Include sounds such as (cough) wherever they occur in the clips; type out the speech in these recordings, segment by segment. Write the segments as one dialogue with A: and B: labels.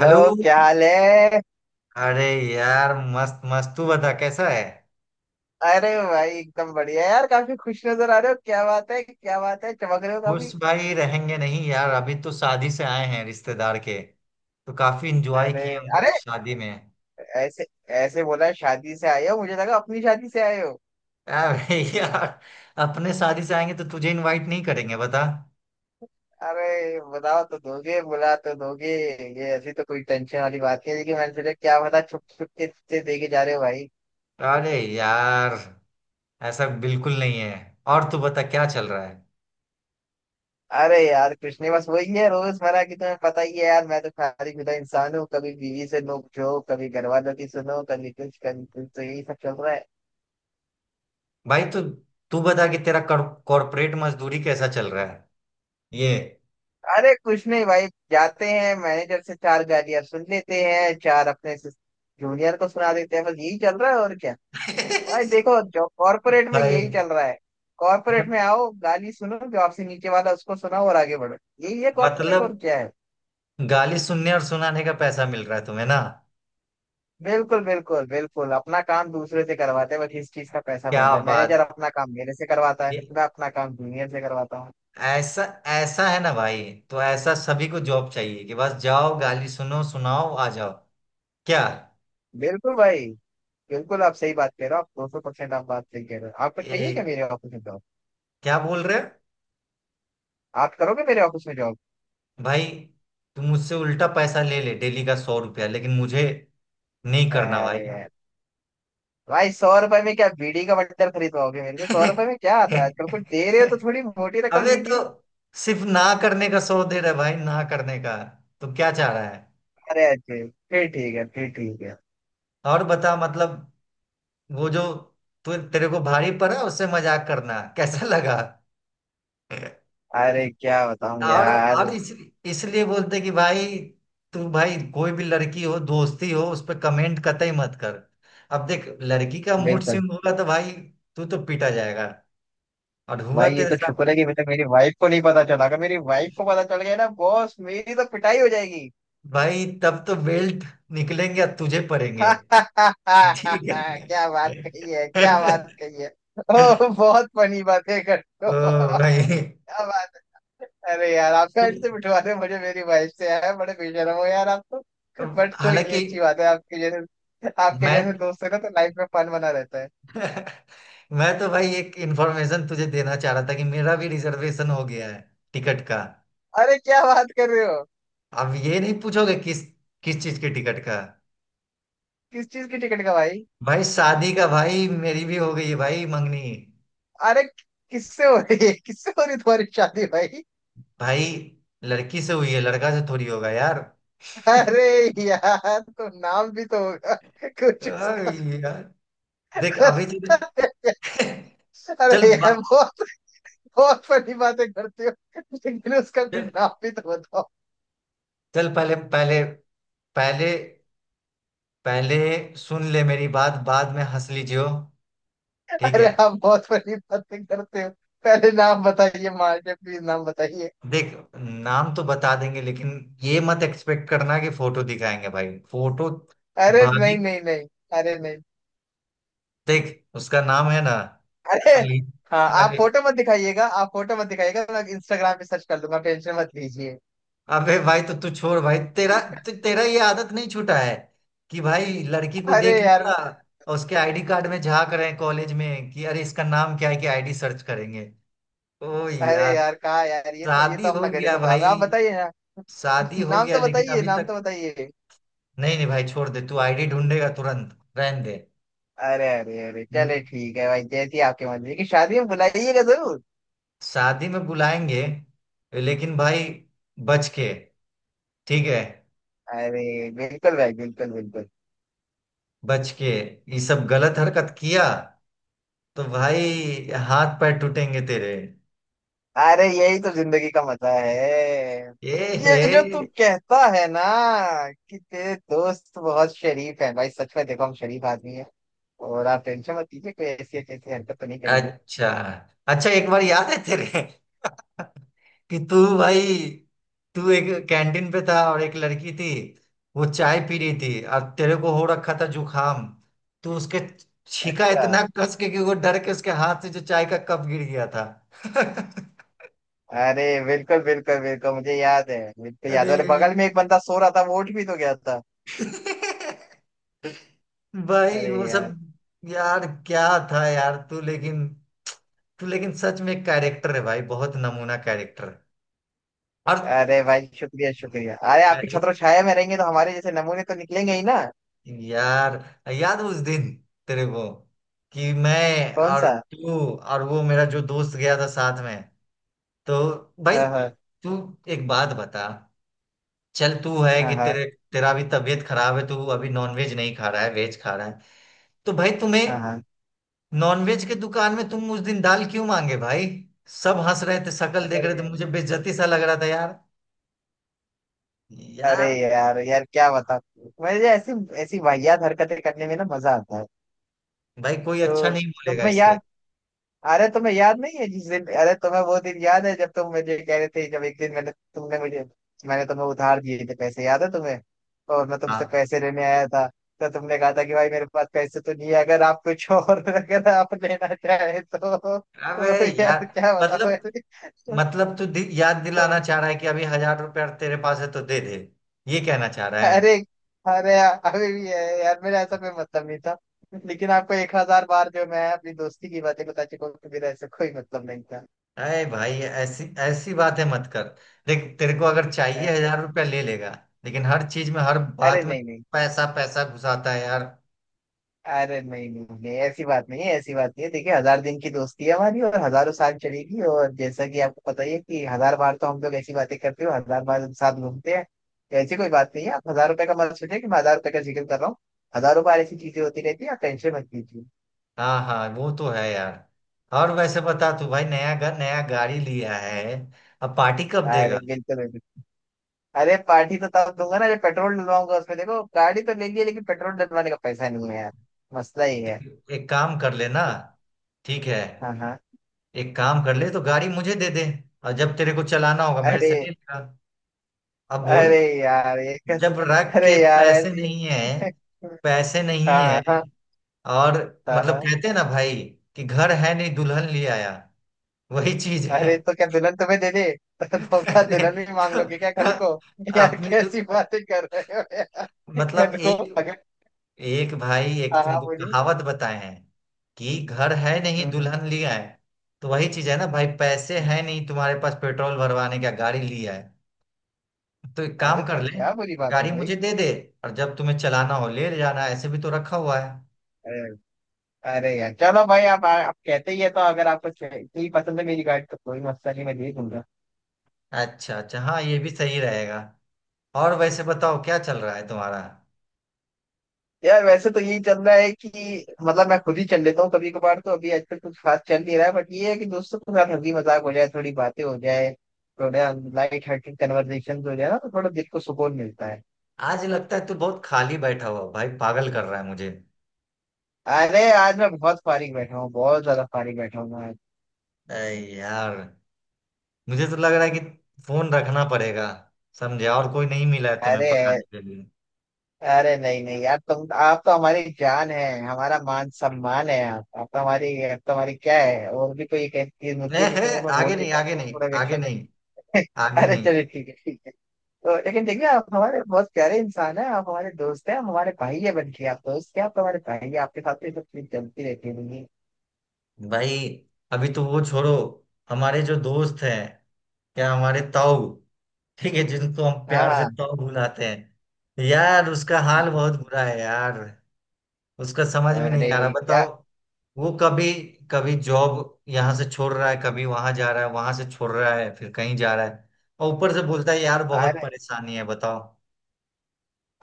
A: Hello.
B: क्या हाल है?
A: अरे यार, मस्त मस्त। तू बता, कैसा है?
B: अरे भाई एकदम बढ़िया यार। काफी खुश नजर आ रहे हो, क्या बात है क्या बात है, चमक रहे हो काफी।
A: खुश भाई रहेंगे नहीं यार, अभी तो शादी से आए हैं रिश्तेदार के, तो काफी इंजॉय
B: अरे
A: किए हम
B: अरे
A: शादी में।
B: ऐसे ऐसे बोला शादी से आए हो, मुझे लगा अपनी शादी से आए हो।
A: अरे (laughs) यार, अपने शादी से आएंगे तो तुझे इनवाइट नहीं करेंगे बता?
B: अरे बताओ तो दोगे, बुला तो दोगे। ये ऐसी तो कोई टेंशन वाली बात नहीं है, लेकिन मैंने सोचा क्या पता छुप छुप के से देके जा रहे हो भाई।
A: अरे यार, ऐसा बिल्कुल नहीं है। और तू बता, क्या चल रहा है?
B: अरे यार कुछ नहीं, बस वही है रोजमर्रा की, तुम्हें पता ही है यार, मैं तो शादी शुदा इंसान हूँ, कभी बीवी से नोक झोंक, कभी घर वालों की सुनो, कभी कुछ कभी कुछ, तो यही सब चल रहा है।
A: भाई तू तू बता कि तेरा कॉर्पोरेट मजदूरी कैसा चल रहा है, ये।
B: अरे कुछ नहीं भाई, जाते हैं, मैनेजर से चार गालियां सुन लेते हैं, चार अपने जूनियर को सुना देते हैं, बस यही चल रहा है और क्या। भाई
A: (laughs)
B: देखो जो कॉर्पोरेट में
A: भाई
B: यही चल रहा है। कॉर्पोरेट
A: मत-
B: में आओ, गाली सुनो, जो आपसे नीचे वाला उसको सुनाओ और आगे बढ़ो। यही है कॉर्पोरेट,
A: मतलब,
B: और क्या है।
A: गाली सुनने और सुनाने का पैसा मिल रहा है तुम्हें ना?
B: बिल्कुल बिल्कुल बिल्कुल, अपना काम दूसरे से करवाते हैं, बस इस चीज का पैसा मिल
A: क्या
B: रहा है।
A: बात।
B: मैनेजर अपना काम मेरे से करवाता है,
A: ये
B: मैं अपना काम जूनियर से करवाता हूँ।
A: ऐसा ऐसा है ना भाई? तो ऐसा सभी को जॉब चाहिए, कि बस जाओ, गाली सुनो, सुनाओ, आ जाओ, क्या?
B: बिल्कुल भाई। बिल्कुल आप सही बात कह रहे हो, आप 200% आप बात सही कह रहे हो। आपको चाहिए क्या
A: ए,
B: मेरे ऑफिस में job?
A: क्या बोल रहे हो?
B: आप करोगे मेरे ऑफिस में जॉब?
A: भाई, तुम मुझसे उल्टा पैसा ले ले, डेली का 100 रुपया, लेकिन मुझे नहीं करना भाई।
B: अरे यार, भाई 100 रुपए में क्या बीड़ी का बंडल खरीदवाओगे मेरे से? 100 रुपए में क्या आता है आजकल? कुछ
A: (laughs)
B: दे रहे हो तो थोड़ी मोटी रकम
A: अबे तो
B: दीजिए।
A: सिर्फ ना करने का 100 दे रहा है भाई, ना करने का। तो क्या चाह रहा है?
B: अरे अच्छे, फिर ठीक है, फिर ठीक है।
A: और बता, मतलब, वो जो तू तेरे को भारी पड़ा उससे मजाक करना कैसा लगा?
B: अरे क्या बताऊं
A: और
B: यार।
A: और इस, इसलिए बोलते कि भाई, तू भाई, कोई भी लड़की हो, दोस्ती हो, उस पर कमेंट कतई मत कर। अब देख, लड़की का मूड
B: बिल्कुल।
A: स्विंग होगा तो भाई तू तो पीटा जाएगा। और हुआ
B: भाई ये
A: तेरे
B: तो
A: साथ?
B: शुक्र है कि मतलब मेरी वाइफ को नहीं पता चला, अगर मेरी वाइफ को पता चल गया ना बॉस, मेरी तो पिटाई हो जाएगी।
A: भाई तब तो बेल्ट निकलेंगे और तुझे पड़ेंगे।
B: (laughs)
A: ठीक है।
B: क्या बात कही है, क्या बात
A: (laughs)
B: कही है। (laughs) ओह बहुत फनी बातें करते हो। (laughs)
A: तो
B: क्या
A: भाई,
B: बात। अरे यार आप बैंड से बिठवा रहे हो मुझे मेरी वाइफ से, यार बड़े बेशरम हो यार आप तो। बट कोई नहीं,
A: हालांकि
B: अच्छी बात है, आपके
A: मैं
B: जैसे दोस्त है ना तो लाइफ में फन बना रहता है।
A: (laughs) मैं तो भाई एक इंफॉर्मेशन तुझे देना चाह रहा था, कि मेरा भी रिजर्वेशन हो गया है, टिकट का।
B: अरे क्या बात कर रहे हो?
A: अब ये नहीं पूछोगे किस किस चीज के टिकट का?
B: किस चीज की टिकट का भाई?
A: भाई शादी का। भाई, मेरी भी हो गई है भाई, मंगनी।
B: अरे किससे हो रही है, किससे हो रही है तुम्हारी शादी भाई?
A: भाई लड़की से हुई है, लड़का से थोड़ी होगा यार। (laughs)
B: अरे यार तो नाम भी तो होगा कुछ
A: अरे
B: उसका।
A: यार देख, अभी चल। (laughs) चल
B: अरे यार
A: बा-
B: बहुत बहुत फनी बातें करते हो, लेकिन उसका कुछ
A: चल
B: नाम भी तो बताओ।
A: चल, पहले पहले पहले पहले सुन ले मेरी बात, बाद में हंस लीजियो। ठीक
B: अरे
A: है।
B: आप बहुत बड़ी बातें करते हो। पहले नाम बताइए, माँ के प्लीज नाम बताइए।
A: देख, नाम तो बता देंगे, लेकिन ये मत एक्सपेक्ट करना कि फोटो दिखाएंगे भाई, फोटो।
B: अरे
A: भाभी।
B: नहीं नहीं नहीं। अरे नहीं।
A: देख, उसका नाम है ना,
B: अरे
A: अली।
B: हाँ, आप
A: अरे,
B: फोटो मत दिखाइएगा, आप फोटो मत दिखाइएगा, मैं इंस्टाग्राम पे सर्च कर लूंगा, टेंशन मत लीजिए।
A: अबे भाई, तो तू छोड़ भाई, तेरा तेरा ये आदत नहीं छूटा है, कि भाई लड़की को
B: अरे
A: देख
B: यार।
A: लिया और उसके आईडी कार्ड में झांक रहे हैं कॉलेज में, कि अरे इसका नाम क्या है, कि आईडी सर्च करेंगे। ओ
B: अरे
A: यार।
B: यार कहा यार, ये तो ये
A: शादी
B: तो
A: हो
B: अपना
A: गया
B: घरेलू काम
A: भाई,
B: है, आप बताइए ना।
A: शादी
B: (laughs)
A: हो
B: नाम
A: गया,
B: तो
A: लेकिन
B: बताइए,
A: अभी
B: नाम तो
A: तक
B: बताइए।
A: नहीं, नहीं भाई, छोड़ दे, तू आईडी ढूंढेगा तुरंत, रहने
B: अरे अरे अरे
A: दे।
B: चले ठीक है भाई, जैसी आपकी मर्जी की, शादी में बुलाइएगा जरूर।
A: शादी में बुलाएंगे, लेकिन भाई, बच के। ठीक है?
B: अरे बिल्कुल भाई बिल्कुल बिल्कुल।
A: बच के। ये सब गलत हरकत किया तो भाई हाथ पैर टूटेंगे तेरे।
B: अरे यही तो जिंदगी का मजा है।
A: ये
B: ये
A: है।
B: जो तू कहता है ना कि तेरे दोस्त बहुत शरीफ है भाई, सच में देखो हम शरीफ आदमी है। और आप टेंशन मत लीजिए, कोई ऐसी ऐसी हरकत तो नहीं करेंगे।
A: अच्छा, अच्छा एक बार याद है तेरे, (laughs) कि तू भाई, तू एक कैंटीन पे था और एक लड़की थी, वो चाय पी रही थी और तेरे को हो रखा था जुखाम, तू उसके छीका
B: अच्छा।
A: इतना कस के कि वो डर के उसके हाथ से जो चाय का कप गिर गया था। (laughs)
B: अरे बिल्कुल बिल्कुल बिल्कुल मुझे याद है, बिल्कुल याद
A: अरे
B: है। अरे बगल में एक बंदा सो रहा था, वो उठ भी तो गया था।
A: (laughs) भाई
B: अरे
A: वो सब,
B: यार।
A: यार क्या था यार तू लेकिन सच में कैरेक्टर है भाई, बहुत नमूना कैरेक्टर। और
B: अरे भाई शुक्रिया शुक्रिया, अरे आपकी
A: अरे
B: छत्र छाया में रहेंगे तो हमारे जैसे नमूने तो निकलेंगे ही ना।
A: यार, याद है उस दिन तेरे को, कि मैं
B: कौन
A: और
B: सा?
A: तू और वो मेरा जो दोस्त गया था साथ में, तो भाई
B: हाँ हाँ।
A: तू एक बात बता। चल, तू है कि
B: हाँ हाँ।
A: तेरे तेरा भी तबीयत खराब है, तू अभी नॉनवेज नहीं खा रहा है, वेज खा रहा है, तो भाई तुम्हें,
B: हाँ हाँ।
A: नॉनवेज के दुकान में तुम उस दिन दाल क्यों मांगे भाई? सब हंस रहे थे, शक्ल देख रहे थे,
B: अरे
A: मुझे बेइज्जती सा लग रहा था यार,
B: अरे
A: यार।
B: यार यार क्या बता, मुझे ऐसी ऐसी वाहियात हरकतें करने में ना मजा आता है।
A: भाई कोई अच्छा
B: तो
A: नहीं बोलेगा
B: तुम्हें
A: इससे।
B: याद, अरे तुम्हें याद नहीं है जिस दिन, अरे तुम्हें वो दिन याद है, जब तुम मुझे कह रहे थे, जब एक दिन मैंने तुमने मुझे, मैंने तुम्हें उधार दिए थे पैसे, याद है तुम्हें? और मैं तुमसे
A: हाँ,
B: पैसे लेने आया था, तो तुमने कहा था कि भाई मेरे पास पैसे तो नहीं है, अगर आप कुछ और (laughs) अगर आप लेना चाहे तो,
A: अबे
B: तो
A: यार,
B: यार क्या बताओ।
A: मतलब मतलब तू याद दिलाना
B: तो,
A: चाह रहा है कि अभी 1000 रुपया तेरे पास है तो दे दे, ये कहना चाह रहा
B: अरे
A: है?
B: अरे यार अभी भी है यार, मेरा ऐसा कोई मतलब नहीं था। लेकिन आपको 1000 बार जो मैं अपनी दोस्ती की बातें बता चुका हूँ कि मेरा ऐसा कोई मतलब नहीं था।
A: अरे भाई, ऐसी ऐसी बातें मत कर। देख, तेरे को अगर चाहिए
B: अरे।
A: 1000 रुपया ले लेगा, लेकिन हर चीज में हर
B: अरे
A: बात में
B: नहीं नहीं।
A: पैसा पैसा घुसाता है यार।
B: अरे नहीं नहीं नहीं, ऐसी बात नहीं है, ऐसी बात नहीं है। देखिए 1000 दिन की दोस्ती है हमारी, और हजारों साल चलेगी, और जैसा कि आपको पता ही है कि 1000 बार तो हम लोग ऐसी बातें करते हो, 1000 बार साथ घूमते हैं, तो ऐसी कोई बात नहीं है। आप 1000 रुपए का मत सोचिए कि मैं 1000 रुपए का जिक्र कर रहा हूँ। हजारों बार ऐसी चीजें होती रहती है, आप टेंशन मत लीजिए।
A: हाँ, हाँ, वो तो है यार। और वैसे बता तू भाई, नया घर, नया गाड़ी लिया है, अब पार्टी कब देगा?
B: अरे बिल्कुल बिल्कुल। अरे पार्टी तो तब दूंगा ना जब पेट्रोल डलवाऊंगा उसमें। देखो गाड़ी तो ले लिया लेकिन पेट्रोल डलवाने का पैसा नहीं है यार। मसला ही है।
A: तो एक काम कर ले ना, ठीक है?
B: हाँ हाँ।
A: एक काम कर ले, तो गाड़ी मुझे दे दे, और जब तेरे को चलाना होगा मेरे
B: अरे।
A: से ले लेगा। अब
B: अरे
A: बोल,
B: यार ये
A: जब
B: कसम।
A: रख
B: अरे
A: के
B: यार
A: पैसे
B: ऐसी
A: नहीं है,
B: (laughs)
A: पैसे नहीं है।
B: हाँ हाँ।
A: और
B: हाँ
A: मतलब,
B: हाँ।
A: कहते हैं ना भाई कि घर है नहीं दुल्हन ले आया, वही चीज है।
B: अरे तो क्या दुल्हन तुम्हें दे दे? (laughs) तो
A: (laughs)
B: तोहफा
A: अरे,
B: दुल्हन भी मांग
A: तो,
B: लोगे क्या कल
A: हाँ,
B: को? यार
A: अपने जो
B: कैसी बातें कर रहे हो यार,
A: मतलब
B: कल को
A: एक
B: अगर।
A: एक भाई एक
B: हाँ हाँ,
A: तुमको
B: बोलिए।
A: कहावत बताए हैं, कि घर है नहीं
B: हम्म, हम्म,
A: दुल्हन लिया है, तो वही चीज है ना भाई, पैसे
B: हम्म।
A: है नहीं तुम्हारे पास पेट्रोल भरवाने का, गाड़ी लिया है। तो एक
B: अरे
A: काम कर
B: तो
A: ले,
B: क्या बुरी बात है
A: गाड़ी
B: भाई।
A: मुझे दे दे और जब तुम्हें चलाना हो ले जाना, ऐसे भी तो रखा हुआ है।
B: अरे यार चलो भाई, आप कहते ही है तो, अगर आपको च- इतनी पसंद है मेरी गाड़ी तो कोई मसला नहीं, मैं ले लूंगा।
A: अच्छा, अच्छा हाँ, ये भी सही रहेगा। और वैसे बताओ, क्या चल रहा है तुम्हारा?
B: यार वैसे तो यही चल रहा है कि मतलब मैं खुद ही चल लेता हूँ कभी कभार, तो अभी आजकल कुछ खास चल नहीं रहा है, बट ये है कि दोस्तों के साथ हंसी मजाक हो जाए, थोड़ी बातें हो जाए, थोड़ा लाइट हार्टेड कन्वर्सेशन हो जाए ना, तो थोड़ा दिल को सुकून मिलता है।
A: आज लगता है तू बहुत खाली बैठा हुआ भाई, पागल कर रहा है मुझे।
B: अरे आज मैं बहुत फारिग बैठा हूँ, बहुत ज्यादा फारिग बैठा हूँ मैं आज।
A: अरे यार, मुझे तो लग रहा है कि फोन रखना पड़ेगा, समझे। और कोई नहीं मिला है तुम्हें
B: अरे।
A: पकाने के लिए?
B: अरे नहीं नहीं यार, तुम आप तो हमारी जान है, हमारा मान सम्मान है आप, आप तो हमारी क्या है, और भी कोई एक ऐसी चीज
A: ए
B: होती है
A: है,
B: लेकिन वो मैं बोल
A: आगे
B: नहीं
A: नहीं, आगे
B: पाऊंगा, वो
A: नहीं,
B: थोड़ा
A: आगे
B: विक्षण
A: नहीं,
B: लगेगा। (laughs)
A: आगे
B: अरे
A: नहीं।
B: चलिए ठीक है ठीक है। तो लेकिन देखिए आप हमारे बहुत प्यारे इंसान हैं, आप हमारे दोस्त हैं, आप हमारे भाई है बन के, आप दोस्त हैं, आप तो हमारे भाई हैं, आपके साथ तो ये सब चीज चलती रहती है।
A: भाई, अभी तो वो छोड़ो, हमारे जो दोस्त हैं, या हमारे ताऊ, ठीक है, जिनको हम
B: हाँ
A: प्यार से
B: हाँ।
A: ताऊ बुलाते हैं यार, उसका हाल बहुत बुरा है यार, उसका समझ में नहीं
B: अरे
A: आ रहा, बताओ।
B: क्या?
A: वो कभी कभी जॉब यहाँ से छोड़ रहा है, कभी वहां जा रहा है, वहां से छोड़ रहा है, फिर कहीं जा रहा है, और ऊपर से बोलता है यार बहुत परेशानी है, बताओ।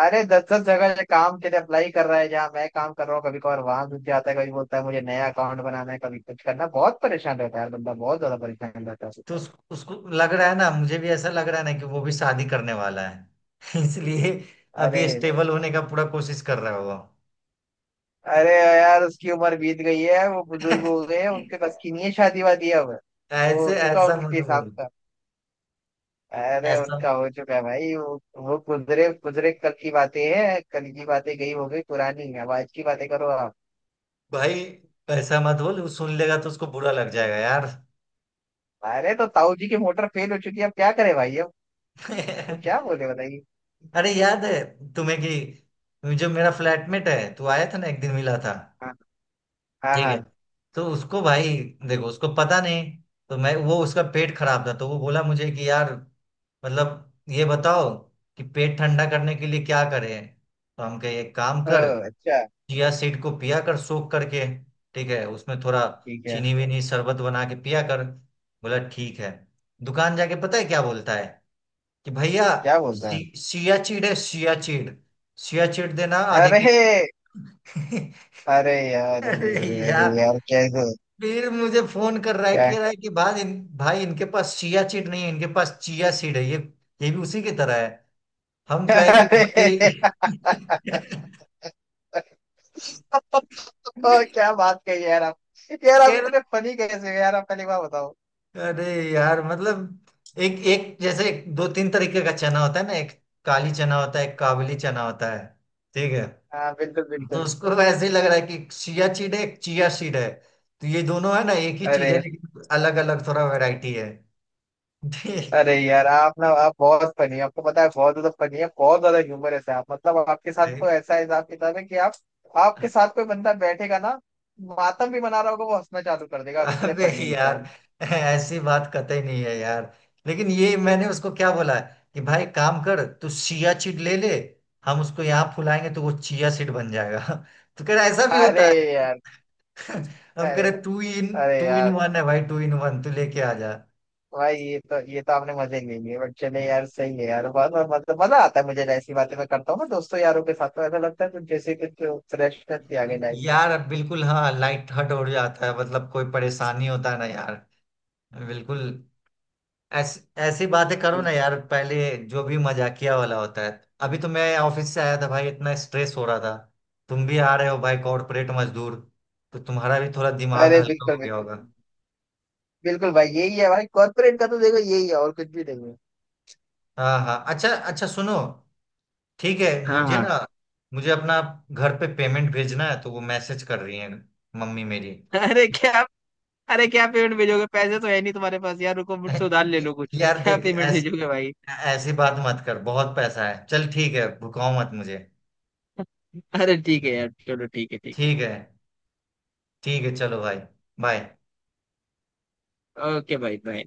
B: अरे 10-10 जगह से काम के लिए अप्लाई कर रहा है, जहाँ मैं काम कर रहा हूँ कभी कभार वहां घुस जाता है, कभी बोलता है मुझे नया अकाउंट बनाना है, कभी कुछ करना है। बहुत परेशान रहता है यार बंदा, बहुत ज्यादा परेशान रहता है।
A: तो उसको लग रहा है ना, मुझे भी ऐसा लग रहा है ना कि वो भी शादी करने वाला है, (laughs) इसलिए
B: अरे।
A: अभी स्टेबल होने का पूरा कोशिश कर रहा होगा।
B: अरे यार उसकी उम्र बीत गई है, वो बुजुर्ग हो गए हैं,
A: (laughs)
B: उनके बस की नहीं है शादी वादी अब। वो
A: ऐसे,
B: हो चुका
A: ऐसा
B: उनके
A: मत
B: हिसाब
A: बोल,
B: का। अरे
A: ऐसा
B: उनका हो चुका है भाई वो गुजरे गुजरे कल की बातें हैं, कल की बातें गई, हो गई पुरानी, अब आज की बातें करो आप।
A: भाई, ऐसा मत बोल, वो सुन लेगा तो उसको बुरा लग जाएगा।
B: अरे तो ताऊ जी की मोटर फेल हो चुकी है, अब क्या करे भाई अब? वो
A: यार। (laughs)
B: क्या बोले बताइए।
A: अरे याद है तुम्हें, कि जो मेरा फ्लैटमेट है, तू आया था ना एक दिन मिला था,
B: हाँ। हाँ।
A: ठीक
B: हाँ
A: है? तो उसको भाई, देखो, उसको पता नहीं, तो मैं वो, उसका पेट खराब था, तो वो बोला मुझे कि यार मतलब ये बताओ कि पेट ठंडा करने के लिए क्या करें? तो हम कहे, एक काम कर,
B: हाँ, अच्छा।
A: चिया सीड को पिया कर सोख करके, ठीक है, उसमें थोड़ा
B: ठीक है।
A: चीनी वीनी शरबत बना के पिया कर, बोला ठीक है। दुकान जाके पता है क्या बोलता है, कि भैया
B: क्या बोलता है?
A: सियाचीन है, सियाचीन, सियाचीन देना आधे
B: अरे।
A: किलो। (laughs)
B: अरे यार अरे
A: अरे
B: अरे अरे
A: यार,
B: यार कैसे।
A: फिर मुझे फोन कर रहा है,
B: क्या?
A: कह रहा है कि भाई भाई इनके पास सियाचीन नहीं है, इनके पास चिया सीड है, ये भी उसी की तरह है। हम कहे कि
B: अरे।
A: भाई (laughs)
B: ओ, क्या बात कही यार आप। यार आप
A: कह
B: इतने
A: रहा,
B: फनी कैसे हो यार आप? पहली बार बताओ।
A: अरे यार मतलब एक एक जैसे एक- दो तीन तरीके का चना होता है ना, एक काली चना होता है, एक काबली चना होता है, ठीक है?
B: हाँ बिल्कुल
A: तो
B: बिल्कुल।
A: उसको तो ऐसे ही लग रहा है कि चिया सीड है, चिया सीड है, तो ये दोनों है ना एक ही चीज है,
B: अरे।
A: लेकिन अलग अलग थोड़ा वैरायटी है। (laughs)
B: अरे यार आप ना, आप बहुत फनी है आपको पता है, बहुत ज्यादा फनी है, बहुत ज्यादा ह्यूमरस है आप, मतलब आपके साथ को ऐसा हिसाब किताब है कि आप, आपके साथ कोई बंदा बैठेगा ना, मातम भी मना रहा होगा वो हंसना चालू कर देगा, आप इतने
A: अबे
B: फनी
A: यार,
B: इंसान
A: ऐसी बात कतई नहीं है यार, लेकिन ये मैंने उसको क्या बोला है, कि भाई काम कर, तू चिया सीड ले ले, हम उसको यहाँ फुलाएंगे तो वो चिया सीड बन जाएगा। (laughs) तो कह रहा ऐसा भी
B: हैं। अरे
A: होता है?
B: यार।
A: (laughs) हम कह
B: अरे
A: रहे
B: अरे
A: टू इन
B: यार
A: वन है भाई, टू इन वन तू लेके आ जा।
B: भाई ये तो आपने मजे ले लिए, बट चले यार सही है यार, बहुत बहुत- मतलब मजा आता है मुझे, ऐसी बातें मैं करता हूँ ना दोस्तों यारों के साथ, तो ऐसा लगता है कुछ जैसे कुछ फ्रेशनेस ही आ गई लाइफ से।
A: यार बिल्कुल, हाँ, लाइट हर्ट हो जाता है, मतलब कोई परेशानी होता है ना यार, बिल्कुल ऐसी बातें करो ना
B: बिल्कुल।
A: यार पहले, जो भी मजाकिया वाला होता है। अभी तो मैं ऑफिस से आया था भाई, इतना स्ट्रेस हो रहा था, तुम भी आ रहे हो भाई कॉर्पोरेट
B: बिल्कुल।
A: मजदूर, तो तुम्हारा भी थोड़ा दिमाग
B: अरे
A: हल्का
B: बिल्कुल
A: हो गया
B: बिल्कुल।
A: होगा।
B: बिल्कुल भाई यही है भाई कॉर्पोरेट का, तो देखो यही है और कुछ भी नहीं है।
A: हाँ, हाँ, अच्छा, अच्छा, सुनो, ठीक है?
B: हाँ
A: मुझे
B: हाँ।
A: ना, मुझे अपना घर पे पेमेंट भेजना है, तो वो मैसेज कर रही है, मम्मी मेरी।
B: अरे क्या? अरे क्या पेमेंट भेजोगे, पैसे तो है नहीं तुम्हारे पास यार, रुको मुझसे
A: (laughs)
B: उधार ले लो कुछ।
A: यार
B: (laughs) क्या
A: देख,
B: पेमेंट भेजोगे भाई?
A: ऐसी बात मत कर, बहुत पैसा है चल, ठीक है, भुकाओ मत मुझे।
B: अरे ठीक है यार, चलो ठीक है, ठीक
A: ठीक है, ठीक है, चलो भाई, बाय।
B: है ओके भाई, बाय।